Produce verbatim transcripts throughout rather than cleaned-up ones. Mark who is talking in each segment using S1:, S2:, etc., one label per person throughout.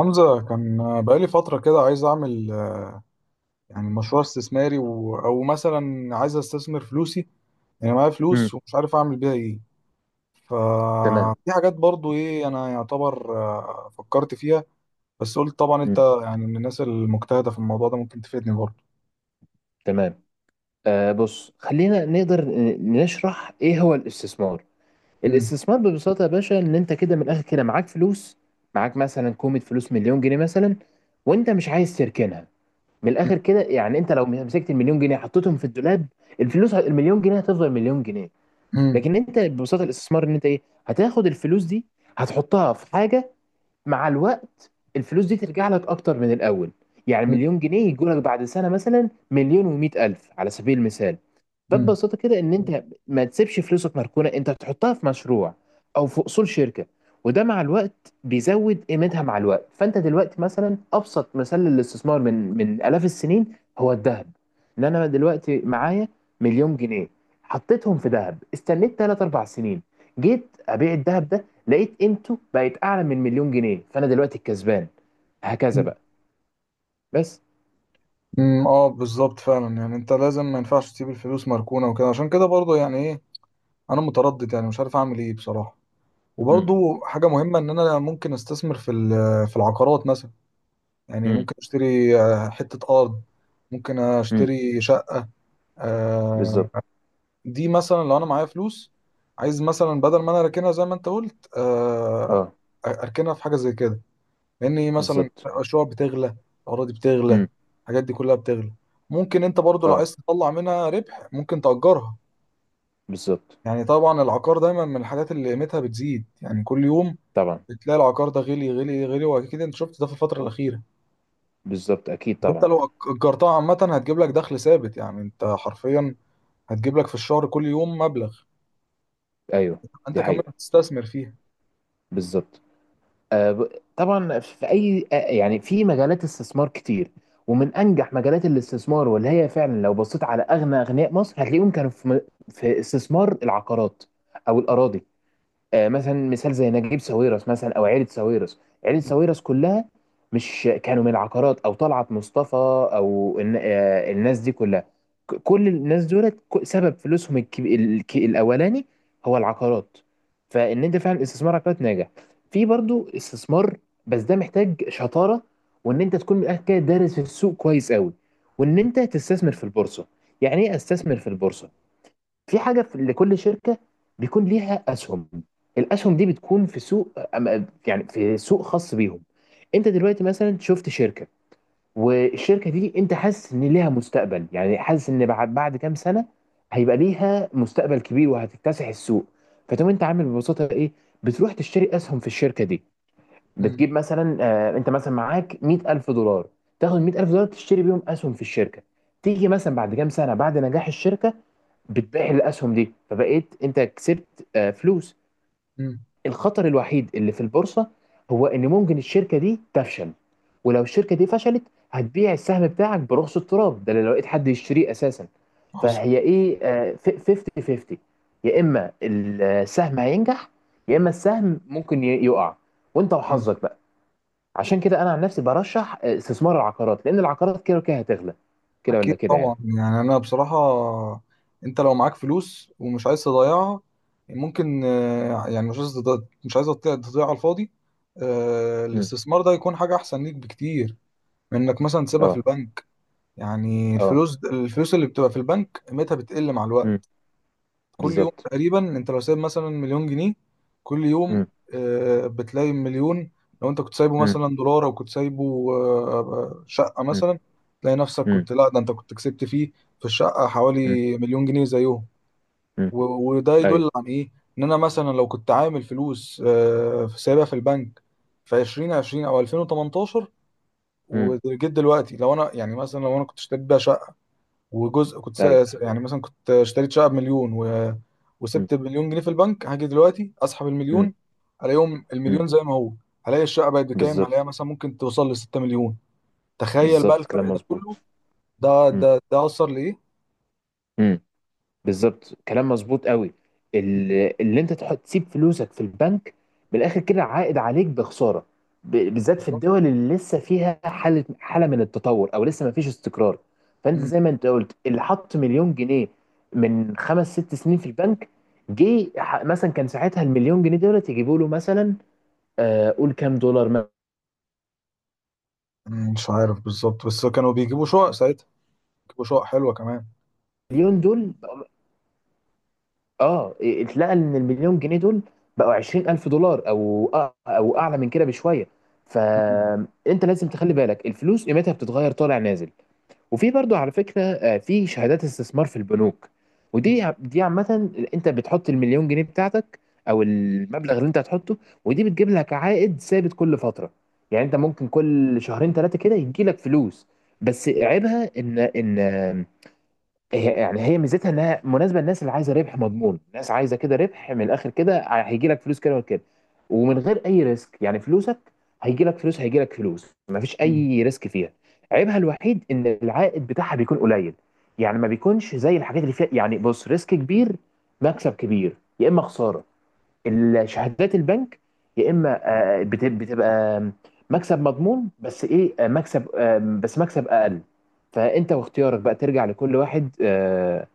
S1: حمزة كان بقالي فترة كده عايز أعمل يعني مشروع استثماري و أو مثلا عايز أستثمر فلوسي. يعني معايا
S2: امم
S1: فلوس ومش عارف أعمل بيها إيه.
S2: تمام.
S1: ففي حاجات برضو إيه أنا يعتبر، آه، فكرت فيها. بس قلت طبعا أنت
S2: امم
S1: يعني من الناس المجتهدة في الموضوع ده ممكن تفيدني برضو.
S2: تمام. آه، بص خلينا نقدر ن- نشرح ايه هو الاستثمار.
S1: مم.
S2: الاستثمار ببساطة يا باشا ان انت كده من الاخر كده معاك فلوس. معاك مثلا كومة فلوس، مليون جنيه مثلا، وانت مش عايز تركنها. من
S1: مم.
S2: الاخر كده يعني انت لو مسكت المليون جنيه حطيتهم في الدولاب، الفلوس ه- المليون جنيه هتفضل مليون جنيه.
S1: مم.
S2: لكن انت ببساطة الاستثمار ان انت ايه، هتاخد الفلوس دي هتحطها في حاجة، مع الوقت الفلوس دي ترجع لك اكتر من الاول. يعني
S1: مم.
S2: مليون جنيه يجوا لك بعد سنة مثلا مليون ومئة الف على سبيل المثال. فببساطه كده ان انت ما تسيبش فلوسك مركونه، انت تحطها في مشروع او في اصول شركه، وده مع الوقت بيزود قيمتها. مع الوقت فانت دلوقتي مثلا ابسط مثال للاستثمار من من الاف السنين هو الذهب. ان انا دلوقتي معايا مليون جنيه حطيتهم في ذهب، استنيت تلات اربع سنين، جيت ابيع الذهب ده لقيت قيمته بقت اعلى من مليون جنيه، فانا دلوقتي الكسبان، هكذا
S1: مم.
S2: بقى، بس.
S1: مم. اه، بالظبط فعلا يعني انت لازم ما ينفعش تسيب الفلوس مركونة وكده. عشان كده برضو يعني ايه، انا متردد يعني مش عارف اعمل ايه بصراحة.
S2: امم
S1: وبرضو حاجة مهمة إن أنا ممكن أستثمر في ال- في العقارات مثلا. يعني
S2: امم
S1: ممكن أشتري، آه، حتة أرض. ممكن
S2: امم.
S1: أشتري شقة آه،
S2: بالظبط.
S1: دي مثلا لو أنا معايا فلوس، عايز مثلا بدل ما أنا أركنها زي ما أنت قلت، آه،
S2: اه
S1: أركنها في حاجة زي كده. لأن إيه مثلا،
S2: بالظبط.
S1: الشقق بتغلى، الأراضي بتغلى،
S2: امم
S1: الحاجات دي كلها بتغلى. ممكن أنت برضو لو
S2: اه
S1: عايز تطلع منها ربح ممكن تأجرها.
S2: بالظبط.
S1: يعني طبعا العقار دايما من الحاجات اللي قيمتها بتزيد يعني كل يوم.
S2: طبعا.
S1: بتلاقي العقار ده غلي غلي غلي، واكيد انت شفت ده في الفتره الاخيره.
S2: بالظبط. اكيد
S1: وانت
S2: طبعا.
S1: لو أج- اجرتها عامه هتجيب لك دخل ثابت، يعني انت حرفيا هتجيب لك في الشهر كل يوم مبلغ.
S2: ايوه.
S1: انت
S2: دي
S1: كمان
S2: حقيقة.
S1: بتستثمر فيها.
S2: بالظبط. آه، ب- طبعا في اي آه، يعني في مجالات استثمار كتير. ومن انجح مجالات الاستثمار واللي هي فعلا لو بصيت على اغنى اغنياء مصر هتلاقيهم كانوا في م- في استثمار العقارات او الاراضي. آه، مثلا مثال زي نجيب ساويرس مثلا او عيله ساويرس، عيله
S1: م-
S2: ساويرس كلها مش كانوا من العقارات، او طلعت مصطفى او الن- آه، الناس دي كلها، ك- كل الناس دولت ك- سبب فلوسهم الكب- الك- الاولاني هو العقارات. فان انت فعلا استثمار عقارات ناجح، في برضو استثمار، بس ده محتاج شطاره، وان انت تكون من الاخر كده دارس في السوق كويس قوي، وان انت تستثمر في البورصه. يعني ايه استثمر في البورصه؟ في حاجه، في لكل شركه بيكون ليها اسهم، الاسهم دي بتكون في سوق أم- يعني في سوق خاص بيهم. انت دلوقتي مثلا شفت شركه، والشركه دي انت حاسس ان ليها مستقبل، يعني حاسس ان بعد بعد كام سنه هيبقى ليها مستقبل كبير وهتكتسح السوق. فتقوم انت عامل ببساطه ايه، بتروح تشتري اسهم في الشركه دي،
S1: م-
S2: بتجيب مثلا آه، انت مثلا معاك مئة الف دولار، تاخد مئة الف دولار تشتري بيهم اسهم في الشركه. تيجي مثلا بعد كام سنه بعد نجاح الشركه، بتبيع الاسهم دي فبقيت انت كسبت آه، فلوس.
S1: م.
S2: الخطر الوحيد اللي في البورصه هو ان ممكن الشركه دي تفشل، ولو الشركه دي فشلت هتبيع السهم بتاعك برخص التراب ده، لو لقيت حد يشتريه اساسا.
S1: حصل.
S2: فهي ايه آه، ف- خمسين خمسين، يا اما السهم هينجح يا اما السهم ممكن ي- يقع، وانت
S1: م.
S2: وحظك بقى. عشان كده انا عن نفسي برشح آه، استثمار العقارات، لان العقارات كده وكده هتغلى، كده
S1: اكيد
S2: ولا كده يعني.
S1: طبعا يعني انا بصراحه، انت لو معاك فلوس ومش عايز تضيعها، ممكن، آه، يعني مش عايز تض- مش عايز تضيع تضيع على الفاضي. آه،
S2: امم
S1: الاستثمار ده يكون حاجه احسن ليك بكتير من انك مثلا تسيبها في
S2: اه.
S1: البنك. يعني
S2: اه.
S1: الفلوس الفلوس اللي بتبقى في البنك قيمتها بتقل مع الوقت.
S2: امم
S1: كل يوم
S2: بالظبط.
S1: تقريبا انت لو سايب مثلا مليون جنيه، كل يوم
S2: امم
S1: آه، بتلاقي مليون. لو انت كنت سايبه
S2: امم
S1: مثلا دولار، او كنت سايبه آه، شقة
S2: امم
S1: مثلا، تلاقي نفسك
S2: امم
S1: كنت، لا ده انت كنت كسبت فيه في الشقة
S2: امم
S1: حوالي مليون جنيه زيهم.
S2: أمم.
S1: و- وده
S2: ايوه.
S1: يدل عن ايه؟ ان انا مثلا لو كنت عامل فلوس، آه، في سايبها في البنك في ألفين وعشرين او ألفين وتمنتاشر،
S2: امم
S1: وجيت دلوقتي لو انا يعني مثلا لو انا كنت اشتريت بيها شقة، وجزء كنت
S2: ايوه.
S1: س- يعني مثلا كنت اشتريت شقه بمليون و،
S2: امم
S1: وسبت مليون جنيه في البنك، هاجي دلوقتي اسحب
S2: امم
S1: المليون الاقيهم
S2: أمم.
S1: المليون زي ما هو. هلاقي الشقه بقت بكام،
S2: بالظبط.
S1: هلاقيها مثلا ممكن توصل ل ستة مليون. تخيل بقى
S2: بالظبط كلام
S1: الفرق ده كله.
S2: مظبوط.
S1: ده
S2: امم
S1: ده ده اثر لايه.
S2: أمم. بالظبط كلام مظبوط قوي.
S1: مم.
S2: ال- اللي انت تحط تسيب فلوسك في البنك بالاخر كده عائد عليك بخساره، ب- بالذات في
S1: بالظبط.
S2: الدول اللي لسه فيها حاله حاله من التطور او لسه ما فيش استقرار. فانت
S1: مم.
S2: زي ما انت قلت اللي حط مليون جنيه من خمس ست سنين في البنك، جه ح- مثلا كان ساعتها المليون جنيه دولت يجيبوا له مثلا آه، قول كام دولار.
S1: مم. مش عارف بالظبط بس كانوا بيجيبوا شقق ساعتها، بيجيبوا شقق حلوه كمان.
S2: مليون دول، اه، اتلقى ان المليون جنيه دول بقوا عشرين الف دولار، او أ- او اعلى من كده بشويه.
S1: مم.
S2: فانت لازم تخلي بالك الفلوس قيمتها بتتغير طالع نازل. وفي برضو على فكرة آه، في شهادات استثمار في البنوك،
S1: مم.
S2: ودي ع- دي عامة انت بتحط المليون جنيه بتاعتك او المبلغ اللي انت هتحطه، ودي بتجيب لك عائد ثابت كل فترة. يعني انت ممكن كل شهرين ثلاثة كده يجي لك فلوس. بس عيبها ان ان هي، يعني هي ميزتها انها مناسبه للناس اللي عايزه ربح مضمون، الناس عايزه كده ربح من الاخر كده هيجي لك فلوس كده وكده ومن غير اي ريسك، يعني فلوسك هيجي لك فلوس، هيجي لك فلوس ما فيش
S1: مم.
S2: اي ريسك فيها. عيبها الوحيد ان العائد بتاعها بيكون قليل، يعني ما بيكونش زي الحاجات اللي فيها يعني بص ريسك كبير، مكسب كبير يا اما خساره. الشهادات البنك يا اما آه، بت- بتبقى مكسب مضمون، بس ايه آه، مكسب آه، بس مكسب اقل. فانت واختيارك بقى ترجع لكل واحد آه،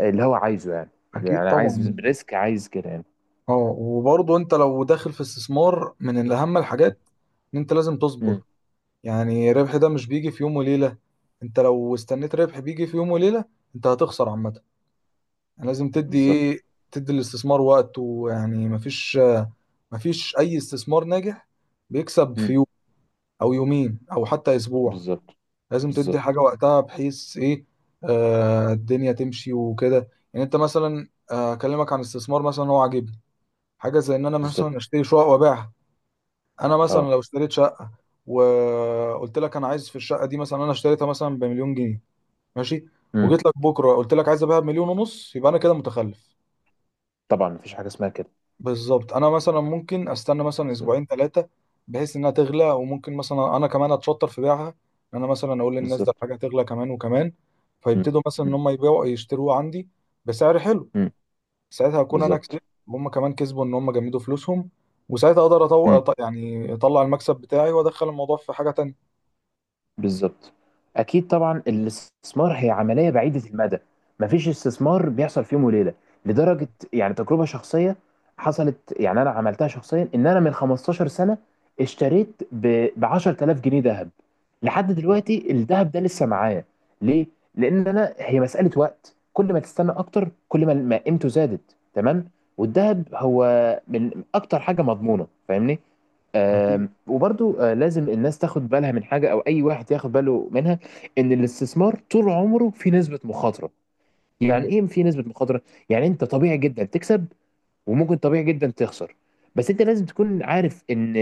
S2: اللي هو عايزه، يعني
S1: اكيد
S2: يعني عايز
S1: طبعا.
S2: ريسك عايز كده يعني.
S1: اه، وبرضه انت لو داخل في استثمار من الاهم الحاجات ان انت لازم تصبر.
S2: امم
S1: يعني ربح ده مش بيجي في يوم وليلة، انت لو استنيت ربح بيجي في يوم وليلة انت هتخسر عامة. يعني لازم تدي
S2: بالظبط.
S1: ايه، تدي الاستثمار وقت. ويعني مفيش مفيش اي استثمار ناجح بيكسب في
S2: امم
S1: يوم او يومين او حتى اسبوع.
S2: بالظبط.
S1: لازم تدي حاجة
S2: بالظبط.
S1: وقتها بحيث ايه، آه الدنيا تمشي وكده. يعني انت مثلا، آه، اكلمك عن استثمار مثلا هو عاجبني، حاجة زي ان انا مثلا
S2: بالظبط.
S1: اشتري شقق وابيعها. انا مثلا
S2: اه.
S1: لو اشتريت شقه، وقلت لك انا عايز في الشقه دي مثلا انا اشتريتها مثلا بمليون جنيه ماشي،
S2: امم
S1: وجيت لك بكره قلت لك عايز ابيعها بمليون ونص، يبقى انا كده متخلف.
S2: طبعا مفيش حاجه اسمها كده.
S1: بالظبط، انا مثلا ممكن استنى مثلا
S2: بالظبط.
S1: اسبوعين ثلاثه بحيث انها تغلى، وممكن مثلا انا كمان اتشطر في بيعها. إن انا مثلا اقول للناس ده
S2: بالظبط.
S1: الحاجه هتغلى كمان وكمان،
S2: امم
S1: فيبتدوا مثلا ان
S2: امم
S1: هم يبيعوا يشتروها عندي بسعر حلو.
S2: امم
S1: ساعتها اكون انا كسبت
S2: بالظبط.
S1: وهم كمان كسبوا ان هم جمدوا فلوسهم، وساعتها اقدر
S2: مم.
S1: اطلع يعني اطلع المكسب بتاعي وادخل الموضوع في حاجه تانية.
S2: بالظبط. اكيد طبعا الاستثمار هي عمليه بعيده المدى، مفيش استثمار بيحصل في يوم وليله، لدرجه يعني تجربه شخصيه حصلت، يعني انا عملتها شخصيا، ان انا من خمستاشر سنه اشتريت ب عشر تلاف جنيه ذهب، لحد دلوقتي الذهب ده لسه معايا. ليه؟ لان انا هي مساله وقت، كل ما تستنى اكتر كل ما ما قيمته زادت، تمام، والذهب هو من اكتر حاجه مضمونه، فاهمني.
S1: اكيد.
S2: وبرضو آه، لازم الناس تاخد بالها من حاجة، أو أي واحد ياخد باله منها، إن الاستثمار طول عمره في نسبة مخاطرة. يعني
S1: مم.
S2: إيه في نسبة مخاطرة؟ يعني أنت طبيعي جدا تكسب، وممكن طبيعي جدا تخسر. بس أنت لازم تكون عارف إن،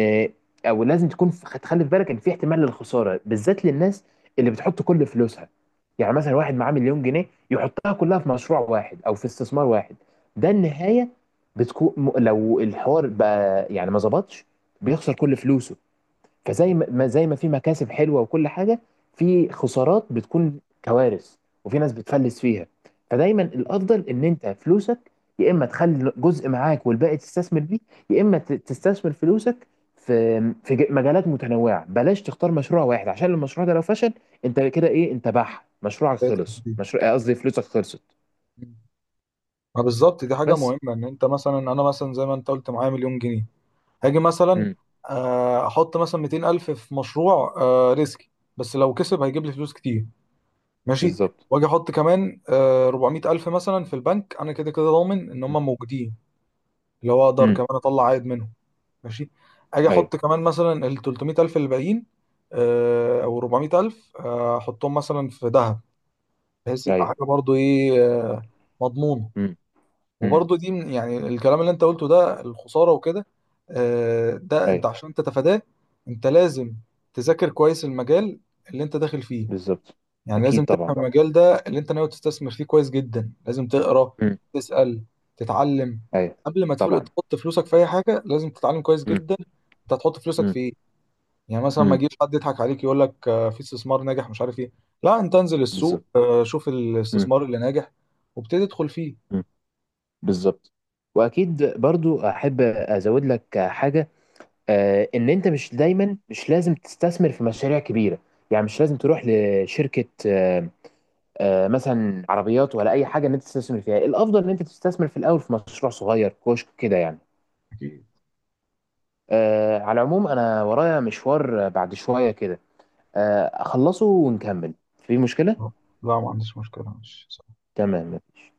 S2: أو لازم تكون ف- تخلي في بالك إن في احتمال للخسارة، بالذات للناس اللي بتحط كل فلوسها. يعني مثلا واحد معاه مليون جنيه يحطها كلها في مشروع واحد أو في استثمار واحد، ده النهاية بتكون لو الحوار بقى يعني ما ظبطش بيخسر كل فلوسه. فزي ما ما- زي ما في مكاسب حلوه وكل حاجه، في خسارات بتكون كوارث، وفي ناس بتفلس فيها. فدايما الافضل ان انت فلوسك يا اما تخلي جزء معاك والباقي تستثمر بيه، يا اما ت- تستثمر فلوسك في في ج- مجالات متنوعه. بلاش تختار مشروع واحد، عشان المشروع ده لو فشل انت كده ايه، انت بح مشروعك
S1: بقيت
S2: خلص،
S1: كتير.
S2: مشروع قصدي فلوسك خلصت،
S1: مم. ما بالظبط، دي حاجه
S2: بس.
S1: مهمه. ان انت مثلا، انا مثلا زي ما انت قلت معايا مليون جنيه، هاجي مثلا
S2: امم
S1: آه، احط مثلا ميتين الف في مشروع، آه، ريسكي، بس لو كسب هيجيب لي فلوس كتير، ماشي.
S2: بالظبط.
S1: واجي احط كمان آه، اربعمية الف مثلا في البنك، انا كده كده ضامن ان هم موجودين، اللي هو اقدر
S2: امم
S1: كمان اطلع عائد منهم، ماشي. اجي
S2: ايوه.
S1: احط كمان مثلا ال تلتمية الف اللي باقيين، آه، او اربعمية الف، آه، احطهم مثلا في ذهب بحيث يبقى
S2: ايوه.
S1: حاجه برضو ايه، آه، مضمونه.
S2: امم
S1: وبرضه دي من- يعني الكلام اللي انت قلته ده الخسارة وكده، آه، ده انت
S2: ايوه.
S1: عشان تتفاداه انت لازم تذاكر كويس المجال اللي انت داخل فيه.
S2: بالظبط.
S1: يعني لازم
S2: اكيد طبعا.
S1: تفهم المجال ده اللي انت ناوي تستثمر فيه كويس جدا، لازم تقرا،
S2: مم.
S1: تسأل، تتعلم
S2: ايوه.
S1: قبل ما تفل-
S2: طبعا.
S1: تحط فلوسك في اي حاجة. لازم تتعلم كويس
S2: مم.
S1: جدا انت هتحط فلوسك
S2: مم.
S1: في ايه. يعني مثلا ما
S2: مم.
S1: يجيش حد يضحك عليك يقول لك آه، في استثمار ناجح مش عارف ايه، لا انت انزل السوق
S2: بالظبط.
S1: آه، شوف
S2: مم.
S1: الاستثمار اللي ناجح وابتدي ادخل فيه.
S2: مم. بالظبط. واكيد برضو احب ازود لك حاجه، آه، ان انت مش دايما مش لازم تستثمر في مشاريع كبيره، يعني مش لازم تروح لشركه آه، آه، مثلا عربيات ولا اي حاجه ان انت تستثمر فيها، الافضل ان انت تستثمر في الاول في مشروع صغير كشك كده يعني. آه، على العموم انا ورايا مشوار بعد شويه كده، آه، اخلصه ونكمل في مشكله.
S1: لا ما عنديش مشكلة، ماشي.
S2: تمام مفيش.